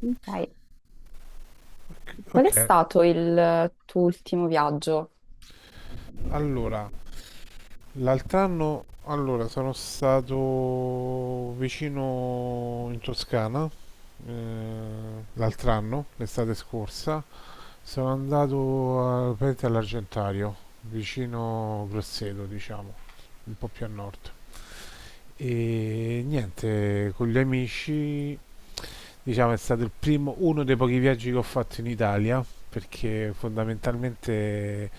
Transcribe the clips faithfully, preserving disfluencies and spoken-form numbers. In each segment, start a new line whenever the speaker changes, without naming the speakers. Ok. Qual è
Ok,
stato il tuo ultimo viaggio?
allora, l'altro anno allora, sono stato vicino in Toscana, eh, l'altro anno, l'estate scorsa, sono andato a- praticamente all'Argentario, vicino Grosseto, diciamo, un po' più a nord. E niente, con gli amici, diciamo, è stato il primo, uno dei pochi viaggi che ho fatto in Italia, perché fondamentalmente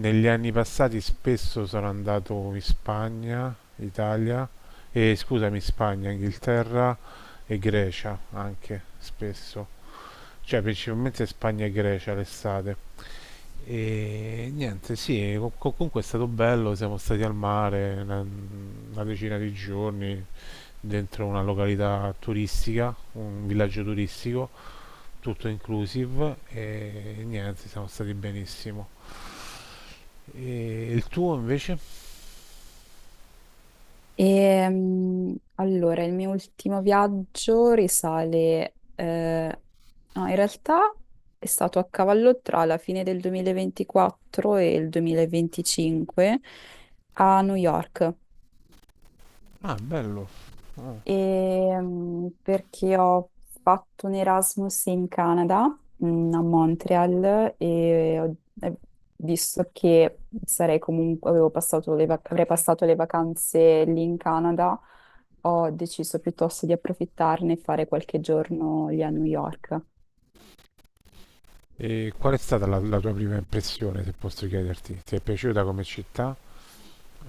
negli anni passati spesso sono andato in Spagna, Italia, e scusami, Spagna, Inghilterra e Grecia anche spesso, cioè principalmente Spagna e Grecia l'estate. E niente, sì, co- co- comunque è stato bello, siamo stati al mare una, una decina di giorni dentro una località turistica, un villaggio turistico, tutto inclusive e niente, siamo stati benissimo. E il tuo invece?
Ehm, allora, il mio ultimo viaggio risale, eh, no, in realtà è stato a cavallo tra la fine del duemilaventiquattro e il duemilaventicinque a New York.
Ah, bello. Ah.
Ehm, perché ho fatto un Erasmus in Canada, mm, a Montreal, e ho- e visto che sarei comunque, avevo passato le vac- avrei passato le vacanze lì in Canada, ho deciso piuttosto di approfittarne e fare qualche giorno lì a New York.
E qual è stata la, la tua prima impressione, se posso chiederti? Ti è piaciuta come città?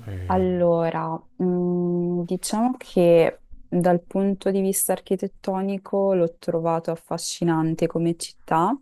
Eh,
Allora, mm, diciamo che dal punto di vista architettonico l'ho trovato affascinante come città.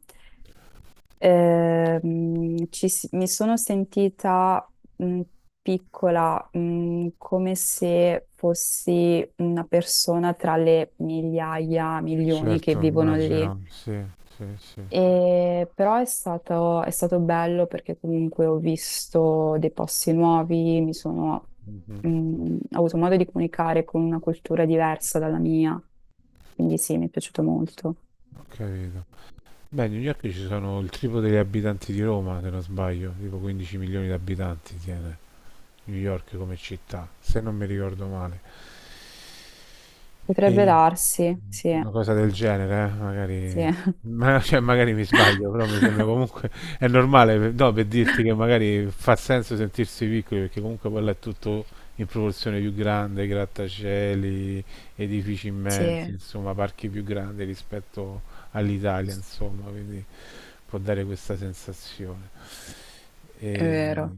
Ehm, ci s- mi sono sentita mh, piccola, mh, come se fossi una persona tra le migliaia, milioni che
certo,
vivono lì.
immagino, sì, sì, sì, sì.
E però è stato, è stato bello perché comunque ho visto dei posti nuovi, mi sono,
Mhm.
mh, ho avuto modo di comunicare con una cultura diversa dalla mia, quindi sì, mi è piaciuto molto.
Ho capito. Beh, a New York ci sono il triplo degli abitanti di Roma, se non sbaglio, tipo quindici milioni di abitanti tiene. New York come città, se non mi ricordo male.
Potrebbe
E
darsi, sì,
una cosa del genere, eh,
sì,
magari, ma- cioè, magari mi sbaglio, però mi sembra comunque è normale, per- no, per dirti che magari fa senso sentirsi piccoli, perché comunque quello è tutto in proporzione più grande, grattacieli, edifici immensi, insomma, parchi più grandi rispetto all'Italia,
sì.
insomma, quindi può dare questa sensazione.
È
E...
vero.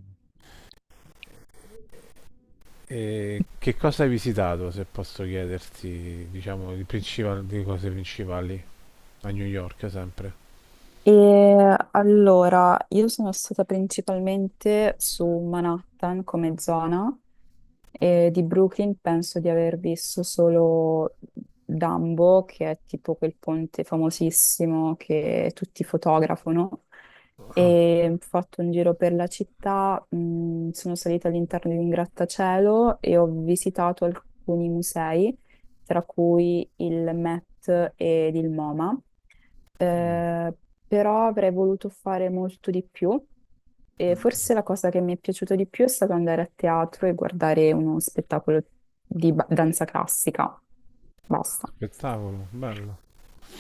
E che cosa hai visitato, se posso chiederti, diciamo, di, principal- di cose principali a New York sempre?
E allora, io sono stata principalmente su Manhattan come zona. E di Brooklyn penso di aver visto solo Dumbo, che è tipo quel ponte famosissimo che tutti fotografano.
Ah,
E ho fatto un giro per la città, mh, sono salita all'interno di un grattacielo e ho visitato alcuni musei, tra cui il Met ed il MoMA. Eh, Però avrei voluto fare molto di più. E forse la cosa che mi è piaciuta di più è stato andare a teatro e guardare uno spettacolo di ba- danza classica. Basta.
spettacolo, bello.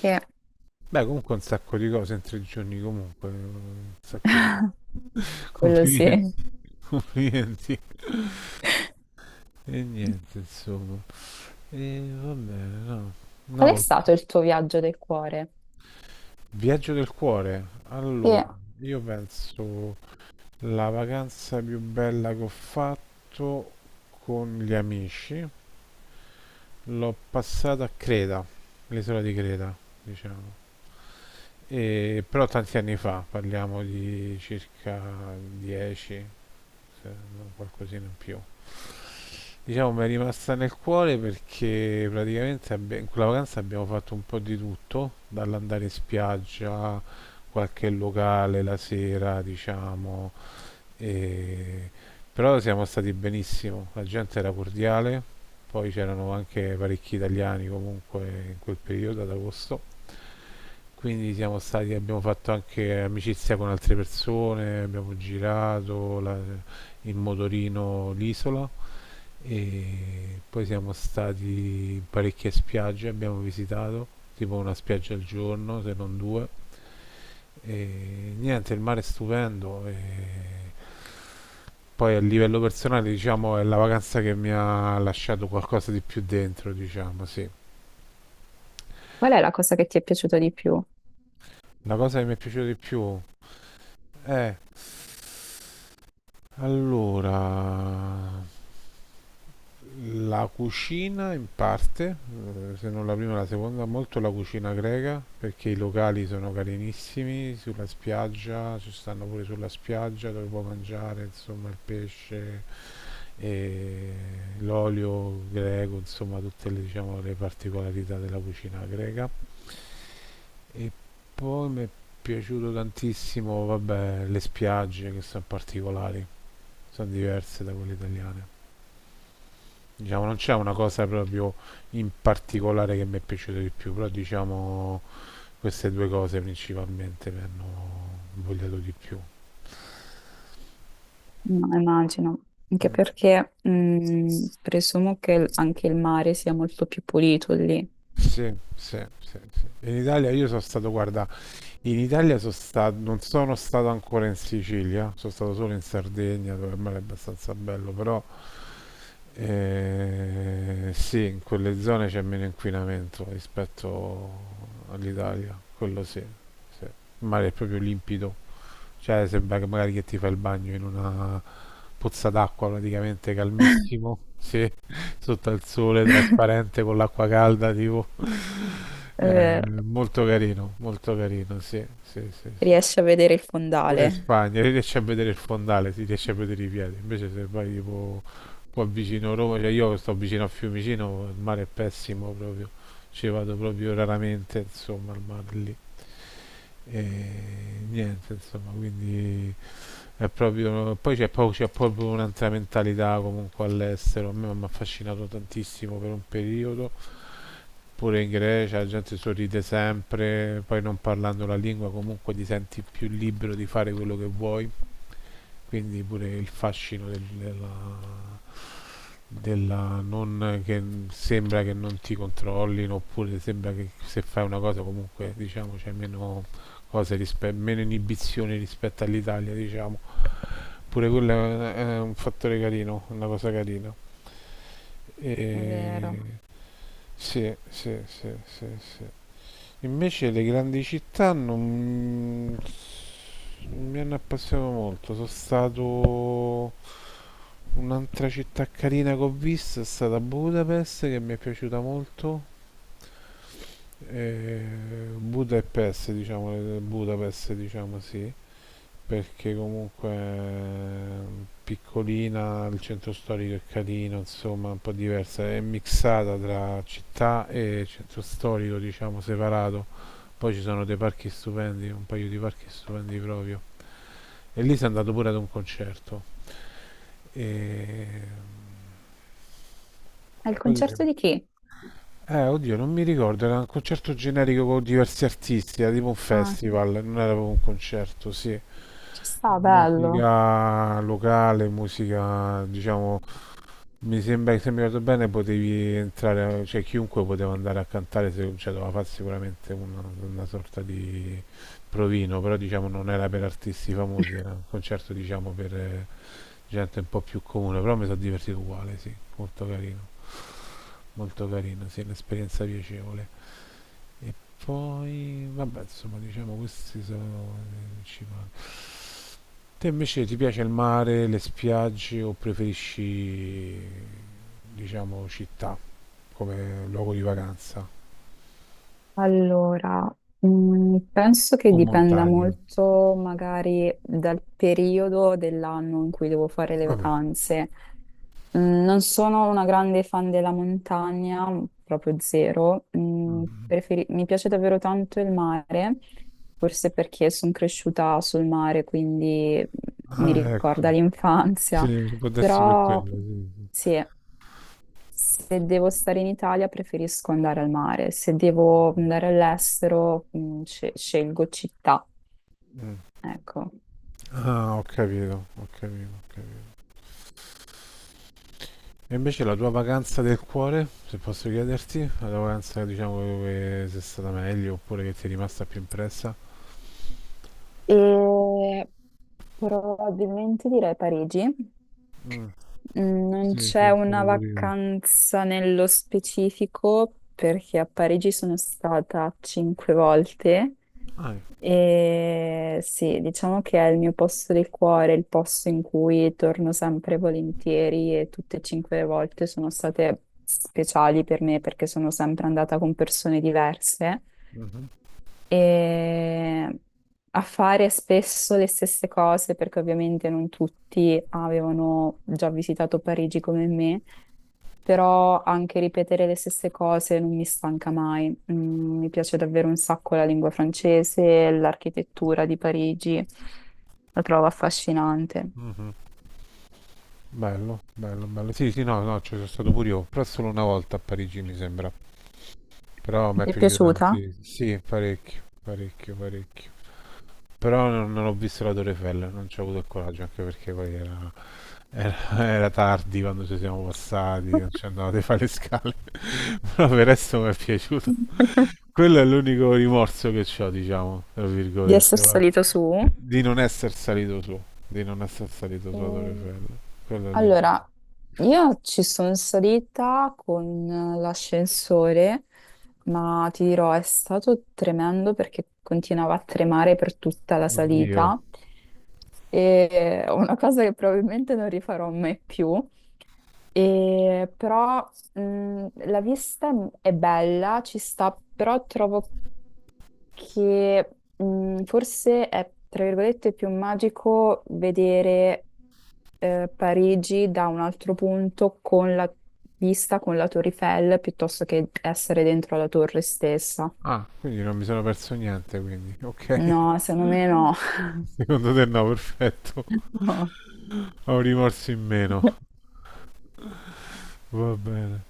E
Beh, comunque un sacco di cose in tre giorni, comunque, un sacco di.
quello sì.
Complimenti, complimenti. E niente, insomma. E va bene, no.
Qual è
No,
stato il tuo viaggio del cuore?
viaggio del cuore. Allora,
E
io penso la vacanza più bella che ho fatto con gli amici. L'ho passata a Creta, l'isola di Creta, diciamo. E- però tanti anni fa, parliamo di circa dieci, se non qualcosina in più. Diciamo mi è rimasta nel cuore perché praticamente abbi- in quella vacanza abbiamo fatto un po' di tutto, dall'andare in spiaggia, qualche locale la sera, diciamo, e- Però siamo stati benissimo, la gente era cordiale, poi c'erano anche parecchi italiani comunque in quel periodo ad agosto, quindi siamo stati, abbiamo fatto anche amicizia con altre persone, abbiamo girato la- in motorino l'isola e poi siamo stati in parecchie spiagge, abbiamo visitato tipo una spiaggia al giorno, se non due, e niente, il mare è stupendo. E poi a livello personale, diciamo, è la vacanza che mi ha lasciato qualcosa di più dentro, diciamo, sì.
qual è la cosa che ti è piaciuta di più?
La cosa che mi è piaciuta di più è allora la cucina in parte, eh, se non la prima, la seconda, molto la cucina greca, perché i locali sono carinissimi sulla spiaggia, ci stanno pure sulla spiaggia dove puoi mangiare, insomma, il pesce e l'olio greco, insomma tutte le, diciamo, le particolarità della cucina greca. E poi mi è piaciuto tantissimo, vabbè, le spiagge che sono particolari, sono diverse da quelle italiane. Diciamo, non c'è una cosa proprio in particolare che mi è piaciuta di più, però diciamo queste due cose principalmente mi hanno invogliato di più.
No, immagino. Anche
Mm.
perché mh, presumo che il- anche il mare sia molto più pulito lì.
Sì, sì, sì, sì. In Italia io sono stato, guarda, in Italia sono stato, non sono stato ancora in Sicilia, sono stato solo in Sardegna dove il mare è abbastanza bello, però eh, sì, in quelle zone c'è meno inquinamento rispetto all'Italia, quello sì, sì. Il mare è proprio limpido, cioè sembra che magari che ti fai il bagno in una pozza d'acqua praticamente calmissimo, sì, sotto al sole, trasparente, con l'acqua calda tipo.
È
Eh,
vero.
molto carino, molto carino, sì, sì, sì.
Riesci a vedere il
Pure in
fondale.
Spagna si riesce a vedere il fondale, si riesce a vedere i piedi. Invece se vai tipo qua vicino a Roma, cioè io sto vicino a Fiumicino, il mare è pessimo proprio. Ci vado proprio raramente, insomma, al mare lì. E niente, insomma, quindi è proprio. Poi c'è, poi c'è proprio un'altra mentalità comunque all'estero. A me mi ha affascinato tantissimo per un periodo. Pure in Grecia la gente sorride sempre, poi non parlando la lingua comunque ti senti più libero di fare quello che vuoi, quindi pure il fascino del- della, della non che sembra che non ti controllino oppure sembra che se fai una cosa comunque diciamo c'è meno cose rispe- meno inibizioni rispetto all'Italia, diciamo pure quello è è un fattore carino, una cosa carina,
È vero.
e sì, sì, sì, sì, sì. Invece le grandi città non mi hanno appassionato molto, sono stato. Un'altra città carina che ho visto è stata Budapest, che mi è piaciuta molto. E Budapest, diciamo, le- Budapest, diciamo sì, perché comunque è piccolina, il centro storico è carino, insomma, un po' diversa, è mixata tra città e centro storico, diciamo, separato. Poi ci sono dei parchi stupendi, un paio di parchi stupendi proprio. E lì si è andato pure ad un concerto. E...
Al
Poi dice-
concerto di chi?
Eh, oddio, non mi ricordo, era un concerto generico con diversi artisti, era tipo un
Ah,
festival, non era proprio un concerto, sì.
ci sta, bello.
Musica locale, musica, diciamo, mi sembra che se mi ricordo bene potevi entrare, cioè chiunque poteva andare a cantare, se, cioè doveva fare sicuramente una, una sorta di provino, però diciamo non era per artisti famosi, era un concerto diciamo per eh, gente un po' più comune, però mi sono divertito uguale, sì, molto carino, molto carino, sì, un'esperienza piacevole. E poi, vabbè, insomma, diciamo questi sono i principali. Te invece ti piace il mare, le spiagge o preferisci, diciamo, città come luogo di vacanza
Allora, mm, penso che
o
dipenda
montagna?
molto magari dal periodo dell'anno in cui devo fare le
Vabbè.
vacanze. Mm, non sono una grande fan della montagna, mm, proprio zero. Mm,
Mm.
preferi- mi piace davvero tanto il mare, forse perché sono cresciuta sul mare, quindi mm, mi
Ah,
ricorda
ecco.
l'infanzia.
Sì, può darsi per
Però
quello, sì,
sì. Se devo stare in Italia preferisco andare al mare, se devo
sì.
andare all'estero mh, sce- scelgo città,
Mm.
ecco.
Ah, ho capito, ho capito, ho capito. E invece la tua vacanza del cuore, se posso chiederti, la tua vacanza diciamo dove sei stata meglio oppure che ti è rimasta più impressa?
E probabilmente direi Parigi. Mm, Non
Sì, c'è
c'è
stato
una
pure io.
vacanza nello specifico perché a Parigi sono stata cinque volte.
Ah,
E sì, diciamo che è il mio posto del cuore, il posto in cui torno sempre volentieri e tutte e cinque le volte sono state speciali per me perché sono sempre andata con persone diverse
mhm,
e a fare spesso le stesse cose, perché ovviamente non tutti avevano già visitato Parigi come me, però anche ripetere le stesse cose non mi stanca mai. Mm, mi piace davvero un sacco la lingua francese, l'architettura di Parigi, la trovo affascinante.
mhm. Bello, bello, bello. Sì, sì, no, no, ci sono stato pure io, però solo una volta a Parigi mi sembra. Però mi è
Ti è
piaciuto Sì,
piaciuta?
tantissimo. Sì, parecchio, parecchio, parecchio. Però non, non ho visto la Torre Eiffel, non ci ho avuto il coraggio, anche perché poi era, era- era tardi quando ci siamo passati, non ci andavate a fare le scale. Però per il resto mi è piaciuto. Quello è l'unico rimorso che ho, diciamo, tra
Di
virgolette,
essere
guarda.
salito su?
Di non essere salito su, di non essere salito su a Torre
E-
Eiffel. Quello è l'unico.
Allora, Io ci sono salita con eh, l'ascensore, ma ti dirò, è stato tremendo perché continuava a tremare per tutta la
Oddio.
salita. E è una cosa che probabilmente non rifarò mai più. E però mh, la vista è bella, ci sta, però trovo che mh, forse è, tra virgolette, più magico vedere eh, Parigi da un altro punto con la vista con la Torre Eiffel piuttosto che essere dentro la torre stessa.
Ah, quindi non mi sono perso niente, quindi. Ok.
No, secondo me no.
Secondo te no, perfetto. Ho un rimorso in meno.
No.
Va bene.